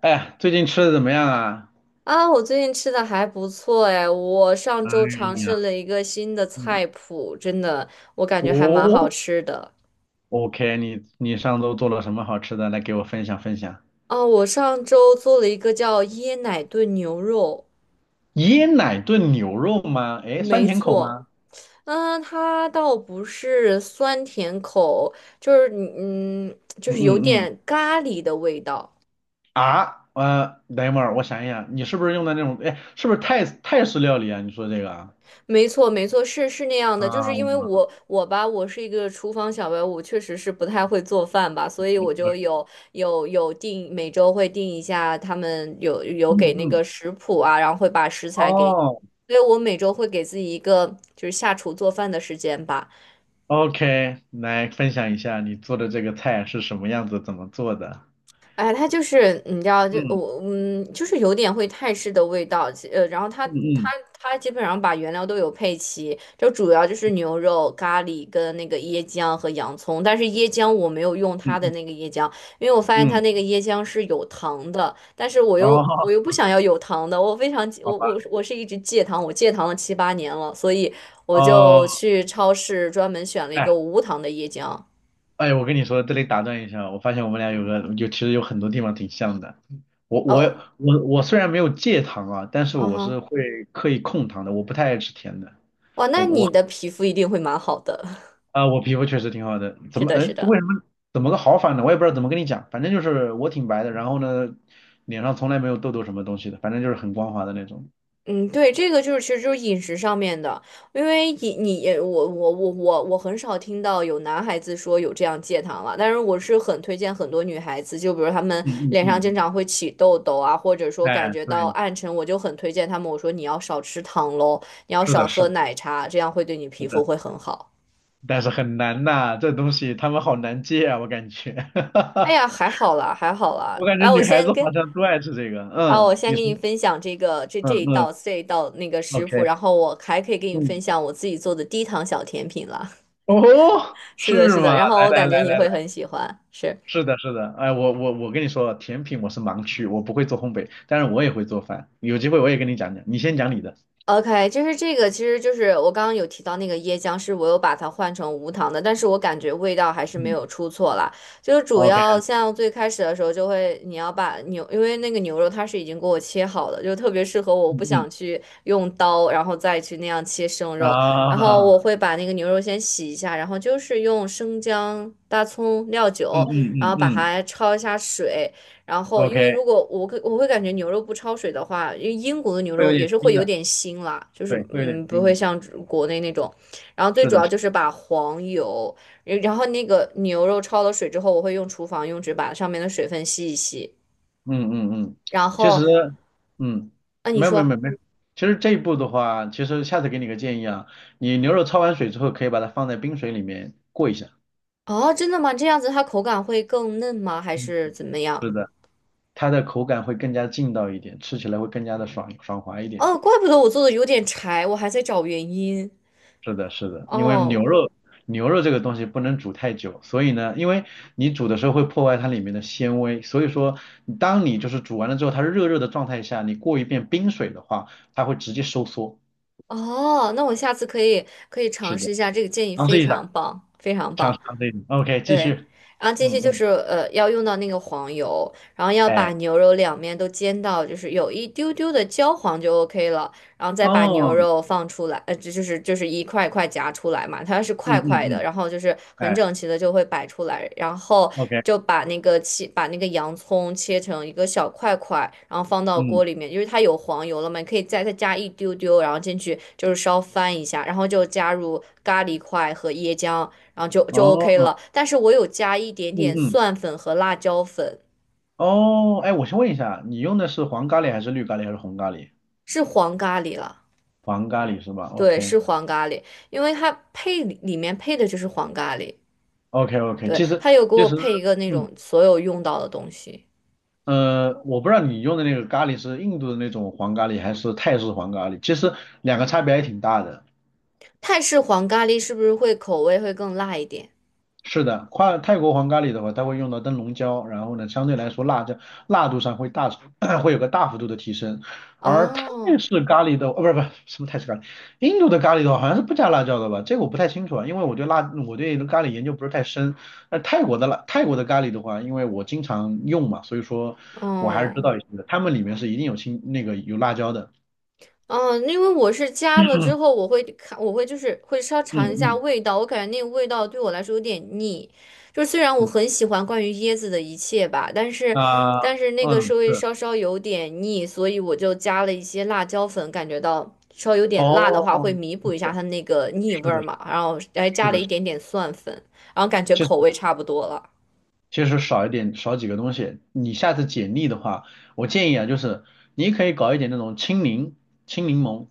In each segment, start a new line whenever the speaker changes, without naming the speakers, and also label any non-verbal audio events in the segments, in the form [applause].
哎呀最近吃的怎么样啊？
啊，我最近吃的还不错哎，我上
哎
周尝
呀，
试了一个新的
嗯
菜谱，真的，我感觉还蛮好
哦
吃的。
，OK，你上周做了什么好吃的？来给我分享分享。
啊，我上周做了一个叫椰奶炖牛肉，
椰奶炖牛肉吗？哎，酸
没
甜口
错，
吗？
嗯，它倒不是酸甜口，就是你就
嗯
是有
嗯嗯。
点咖喱的味道。
啊，等一会儿，我想一想，你是不是用的那种？哎，是不是泰式料理啊？你说这个啊？
没错，没错，是那样的，就是
啊，
因为我吧，我是一个厨房小白，我确实是不太会做饭吧，所以我就有定每周会定一下，他们有
嗯
给那
嗯。
个食谱啊，然后会把食材给你，
哦
所以我每周会给自己一个就是下厨做饭的时间吧。
，OK，来分享一下你做的这个菜是什么样子，怎么做的？
哎，它就是你知道，就
嗯
我就是有点会泰式的味道，然后它
嗯
它
嗯
它基本上把原料都有配齐，就主要就是牛肉、咖喱跟那个椰浆和洋葱，但是椰浆我没有用它的
嗯
那个椰浆，因为我发现
嗯
它那
嗯。
个椰浆是有糖的，但是我又我
哦，
又不想要有糖的，我非常
好
我我
吧。
我是一直戒糖，我戒糖了7、8年了，所以我就
哦。
去超市专门选了一
哎
个无糖的椰浆。
哎，我跟你说，这里打断一下，我发现我们俩有个就其实有很多地方挺像的。我我
哦，
我我虽然没有戒糖啊，但是
啊
我是
哈。
会刻意控糖的，我不太爱吃甜的。
哇，那你的皮肤一定会蛮好的。
啊、我皮肤确实挺好的，
[laughs]
怎
是
么
的，
哎
是的。
为什么怎么个好法呢？我也不知道怎么跟你讲，反正就是我挺白的，然后呢脸上从来没有痘痘什么东西的，反正就是很光滑的那种。
嗯，对，这个就是其实就是饮食上面的，因为饮你也我很少听到有男孩子说有这样戒糖了，但是我是很推荐很多女孩子，就比如她们
嗯嗯
脸上经
嗯，
常会起痘痘啊，或者说感
哎，
觉到
对，
暗沉，我就很推荐他们，我说你要少吃糖喽，你要
是
少
的，是
喝
的，
奶茶，这样会对你
是
皮
的，
肤会很好。
但是很难呐，这东西他们好难戒啊，我感觉。
哎呀，
[laughs]
还好啦，还好啦，
我感觉
来，
女孩子好像都爱吃这个。
我
嗯，
先
你
给
说，
你分享这个这这
嗯
一
嗯
道这一道那个食谱，
，OK，
然后我还可以给你分
嗯，
享我自己做的低糖小甜品了。
哦，
[laughs] 是的，
是
是
吗？
的，然后
来
我
来
感觉
来
你
来
会
来，
很喜欢。是。
是的，是的。哎，我跟你说，甜品我是盲区，我不会做烘焙，但是我也会做饭。有机会我也跟你讲讲，你先讲你的。
OK,就是这个，其实就是我刚刚有提到那个椰浆，是我有把它换成无糖的，但是我感觉味道还是没
嗯
有出错啦。就是主
，OK，
要像最开始的时候，就会你要把牛，因为那个牛肉它是已经给我切好的，就特别适合我，我
嗯
不想
嗯
去用刀，然后再去那样切生肉。然后我
啊，
会把那个牛肉先洗一下，然后就是用生姜、大葱、料
嗯
酒，
嗯
然后
嗯
把
嗯
它焯一下水，然后，因为
，OK，
如果我会感觉牛肉不焯水的话，因为英国的牛
会有
肉也
点
是
腥
会有
的，
点腥啦，就是
对，会有点
嗯不
腥
会
的。
像国内那种。然后最
是
主
的，
要
是的
就是把黄油，然后那个牛肉焯了水之后，我会用厨房用纸把上面的水分吸一吸。
嗯嗯嗯，
然
其实，
后，
嗯，
啊你
没有没有没
说
有没有，其实这一步的话，其实下次给你个建议啊，你牛肉焯完水之后，可以把它放在冰水里面过一下，
哦真的吗？这样子它口感会更嫩吗？还
嗯，
是怎么样？
是的，它的口感会更加劲道一点，吃起来会更加的爽爽滑一点。
哦，怪不得我做的有点柴，我还在找原因。
是的，是的，因为
哦
牛肉这个东西不能煮太久，所以呢，因为你煮的时候会破坏它里面的纤维，所以说当你就是煮完了之后，它热热的状态下，你过一遍冰水的话，它会直接收缩。
哦,那我下次可以
是
尝试
的。
一下，这个建议
尝
非
试一
常
下。
棒，非常
长
棒。
沙那里。OK，继续。
对，然后这些
嗯
就
嗯，
是要用到那个黄油，然后要
哎，
把牛肉两面都煎到就是有一丢丢的焦黄就 OK 了，然后再把牛
哦，
肉放出来，这就是一块一块夹出来嘛，它是
嗯
块
嗯
块的，
嗯，
然后就是很
哎
整齐的就会摆出来，然后
，OK，
就把那个切把那个洋葱切成一个小块块，然后放到锅
嗯，
里面，因为它有黄油了嘛，你可以再加一丢丢，然后进去就是稍翻一下，然后就加入咖喱块和椰浆。然后就
哦，
OK 了。但是我有加一点
嗯
点
嗯，
蒜粉和辣椒粉，
哦，哎，我先问一下，你用的是黄咖喱还是绿咖喱还是红咖喱？
是黄咖喱了，
黄咖喱是吧
对，
？OK
是黄咖喱，因为它配里面配的就是黄咖喱，
OK OK，
对，
其实
它有给
其
我
实，
配一个那
嗯
种所有用到的东西。
我不知道你用的那个咖喱是印度的那种黄咖喱还是泰式黄咖喱，其实两个差别还挺大的。
泰式黄咖喱是不是会口味会更辣一点？
是的，跨泰国黄咖喱的话，它会用到灯笼椒，然后呢，相对来说辣椒辣度上会大 [clears throat] 会有个大幅度的提升。而泰
哦，
式咖喱的，不是什么泰式咖喱，印度的咖喱的话好像是不加辣椒的吧？这个我不太清楚啊，因为我对辣我对咖喱研究不是太深。那泰国的咖喱的话，因为我经常用嘛，所以说我还是知
哦。
道一些的。他们里面是一定有青那个有辣椒的。
嗯，因为我是加了之后，我会就是会稍
嗯
尝一下
嗯
味道，我感觉那个味道对我来说有点腻。就虽然我
嗯
很喜欢关于椰子的一切吧，但是
啊
但是那个是
嗯
会
是
稍稍有点腻，所以我就加了一些辣椒粉，感觉到稍微有点辣的话
哦，
会弥补一下
对，
它那个腻味
是的
儿嘛，然后还
是
加了
的。
一
是的。
点点蒜粉，然后感觉口味差不多了。
其实少一点，少几个东西。你下次简历的话，我建议啊，就是你可以搞一点那种青柠、青柠檬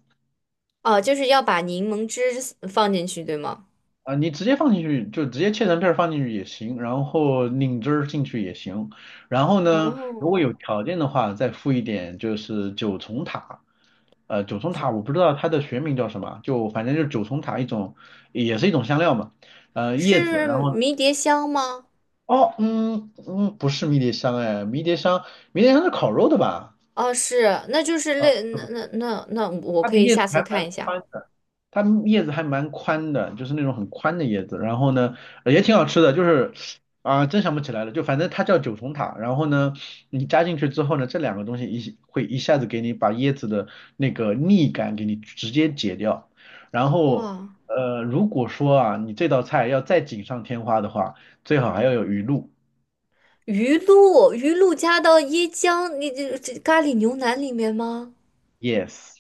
哦，就是要把柠檬汁放进去，对吗？
啊，你直接放进去，就直接切成片儿放进去也行，然后拧汁儿进去也行。然后呢，如果
哦，
有条件的话，再附一点就是九重塔。九重塔我不知道它的学名叫什么，就反正就是九重塔一种，也是一种香料嘛。叶子，然
是
后
迷迭香吗？
哦，嗯嗯，不是迷迭香哎，迷迭香是烤肉的吧？
哦，是，那就是
啊，
类那我
它
可
的
以
叶子
下次
还
看
蛮
一下。
宽的，它叶子还蛮宽的，就是那种很宽的叶子。然后呢，也挺好吃的，就是啊、真想不起来了，就反正它叫九重塔。然后呢，你加进去之后呢，这两个东西一会一下子给你把椰子的那个腻感给你直接解掉。然后
哇，
如果说啊，你这道菜要再锦上添花的话，最好还要有鱼露。
鱼露加到椰浆，你这咖喱牛腩里面吗？
Yes。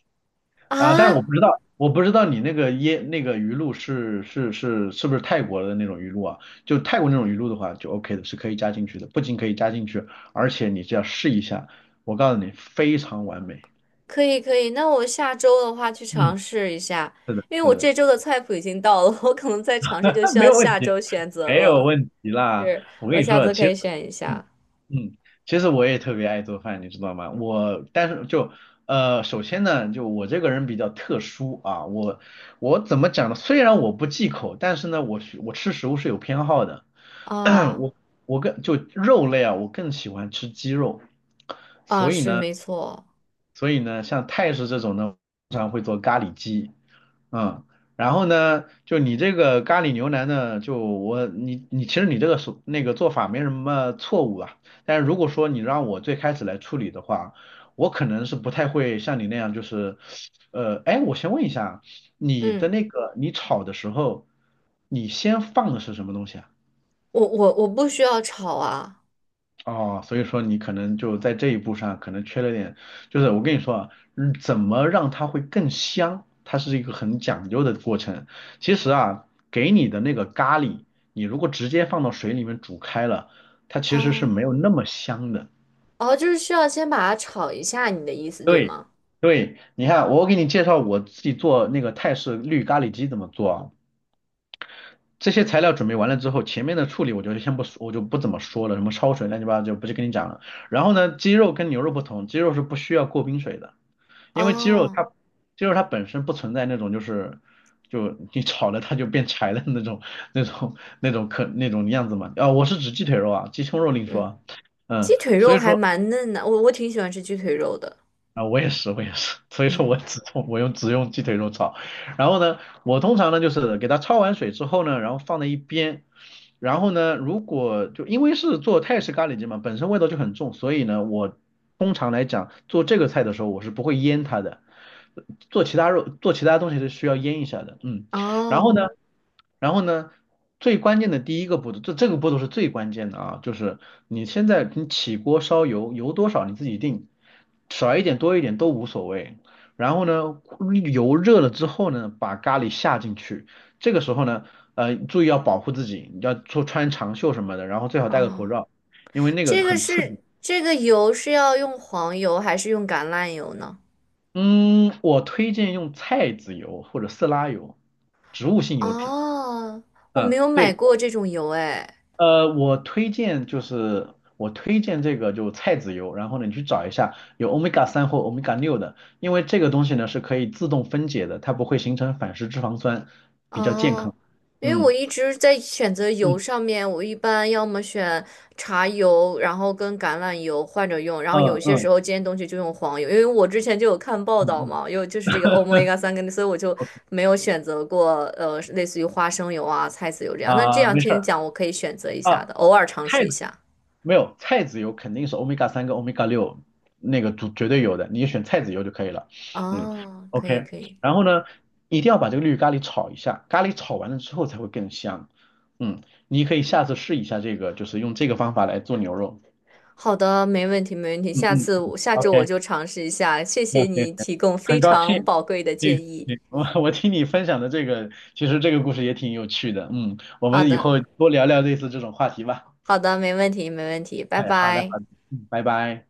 啊，但是我
啊，
不知道，我不知道你那个鱼露不是泰国的那种鱼露啊？就泰国那种鱼露的话，就 OK 的，是可以加进去的。不仅可以加进去，而且你只要试一下，我告诉你，非常完美。
可以可以，那我下周的话去
嗯，
尝试一下，
是的，
因为
是
我这
的。
周的菜谱已经到了，我可能再尝试就需
[laughs] 没
要
有问
下
题，
周选择
没有
了。
问题啦。
是，
我跟
我
你
下
说，
次可
其
以
实，
选一
嗯
下。
嗯，其实我也特别爱做饭，你知道吗？我但是就首先呢，就我这个人比较特殊啊，我怎么讲呢？虽然我不忌口，但是呢，我吃食物是有偏好的。[coughs] [clears throat]
啊
我我更就肉类啊，我更喜欢吃鸡肉，
啊，
所以
是
呢。
没错。
所以呢，像泰式这种呢，通常会做咖喱鸡，嗯，然后呢，就你这个咖喱牛腩呢，就我你你其实你这个手那个做法没什么错误啊，但是如果说你让我最开始来处理的话，我可能是不太会像你那样，就是，哎，我先问一下啊，你的
嗯，
那个你炒的时候，你先放的是什么东西啊？
我不需要炒啊。
哦，所以说你可能就在这一步上可能缺了点，就是我跟你说啊，嗯怎么让它会更香，它是一个很讲究的过程。其实啊，给你的那个咖喱，你如果直接放到水里面煮开了，它其实是没
哦
有那么香的。
哦,就是需要先把它炒一下，你的意思对
对，
吗？
对，你看，我给你介绍我自己做那个泰式绿咖喱鸡怎么做啊。这些材料准备完了之后，前面的处理我就先不说，我就不怎么说了，什么焯水乱七八糟就不去跟你讲了。然后呢，鸡肉跟牛肉不同，鸡肉是不需要过冰水的，因为鸡肉它
哦，
鸡肉它本身不存在那种就是就你炒了它就变柴的那种那种样子嘛。啊、我是指鸡腿肉啊，鸡胸肉另说
嗯，
啊
鸡
嗯，
腿
所
肉
以
还
说。
蛮嫩的，我挺喜欢吃鸡腿肉的。
啊，我也是，我也是，[laughs] 所以说
嗯，
我只用鸡腿肉炒，然后呢，我通常呢就是给它焯完水之后呢，然后放在一边，然后呢，如果就因为是做泰式咖喱鸡嘛，本身味道就很重，所以呢，我通常来讲做这个菜的时候，我是不会腌它的，做其他肉做其他东西是需要腌一下的，嗯。然后
哦
呢，然后呢，最关键的第一个步骤，这个步骤是最关键的啊，就是你现在你起锅烧油，油多少你自己定，少一点多一点都无所谓。然后呢，油热了之后呢，把咖喱下进去。这个时候呢，注意要保护自己，你要说穿长袖什么的，然后最好戴个口
哦,
罩，因为那个
这个
很刺激。
是这个油是要用黄油还是用橄榄油呢？
嗯，我推荐用菜籽油或者色拉油，植物性油脂。
哦，我没
嗯，
有买
对。
过这种油哎。
我推荐就是我推荐这个就菜籽油，然后呢你去找一下有欧米伽三或欧米伽六的，因为这个东西呢是可以自动分解的，它不会形成反式脂肪酸，比较健
哦，
康。
因为我
嗯
一直在选择油
嗯
上面，我一般要么选茶油，然后跟橄榄油换着用，然后有
嗯
些时
嗯
候煎东西就用黄油，因为我之前就有看报
嗯
道
嗯
嘛，有就是这个Omega 3跟，所以我就没有选择过类似于花生油啊、菜籽油这样。那这样
没事
听你
儿
讲，我可以选择一下
啊，
的，偶尔尝试
菜
一
籽
下。
没有菜籽油肯定是欧米伽三跟欧米伽六那个绝绝对有的，你就选菜籽油就可以了。嗯
哦，可以
，OK，
可以，
然后呢，一定要把这个绿咖喱炒一下，咖喱炒完了之后才会更香。嗯，你可以下次试一下这个，就是用这个方法来做牛肉。
好的，没问题没问题，
嗯
下
嗯
次
嗯
我下周我
，OK，
就尝试一下，谢
没
谢
有没有，
你
没有
提供非
很高
常
兴。
宝贵的建
对
议。
对，我听你分享的这个，其实这个故事也挺有趣的。嗯，我
好
们以
的。
后多聊聊类似这种话题吧。
好的，没问题，没问题，拜
哎，好的
拜。
好的，嗯，拜拜。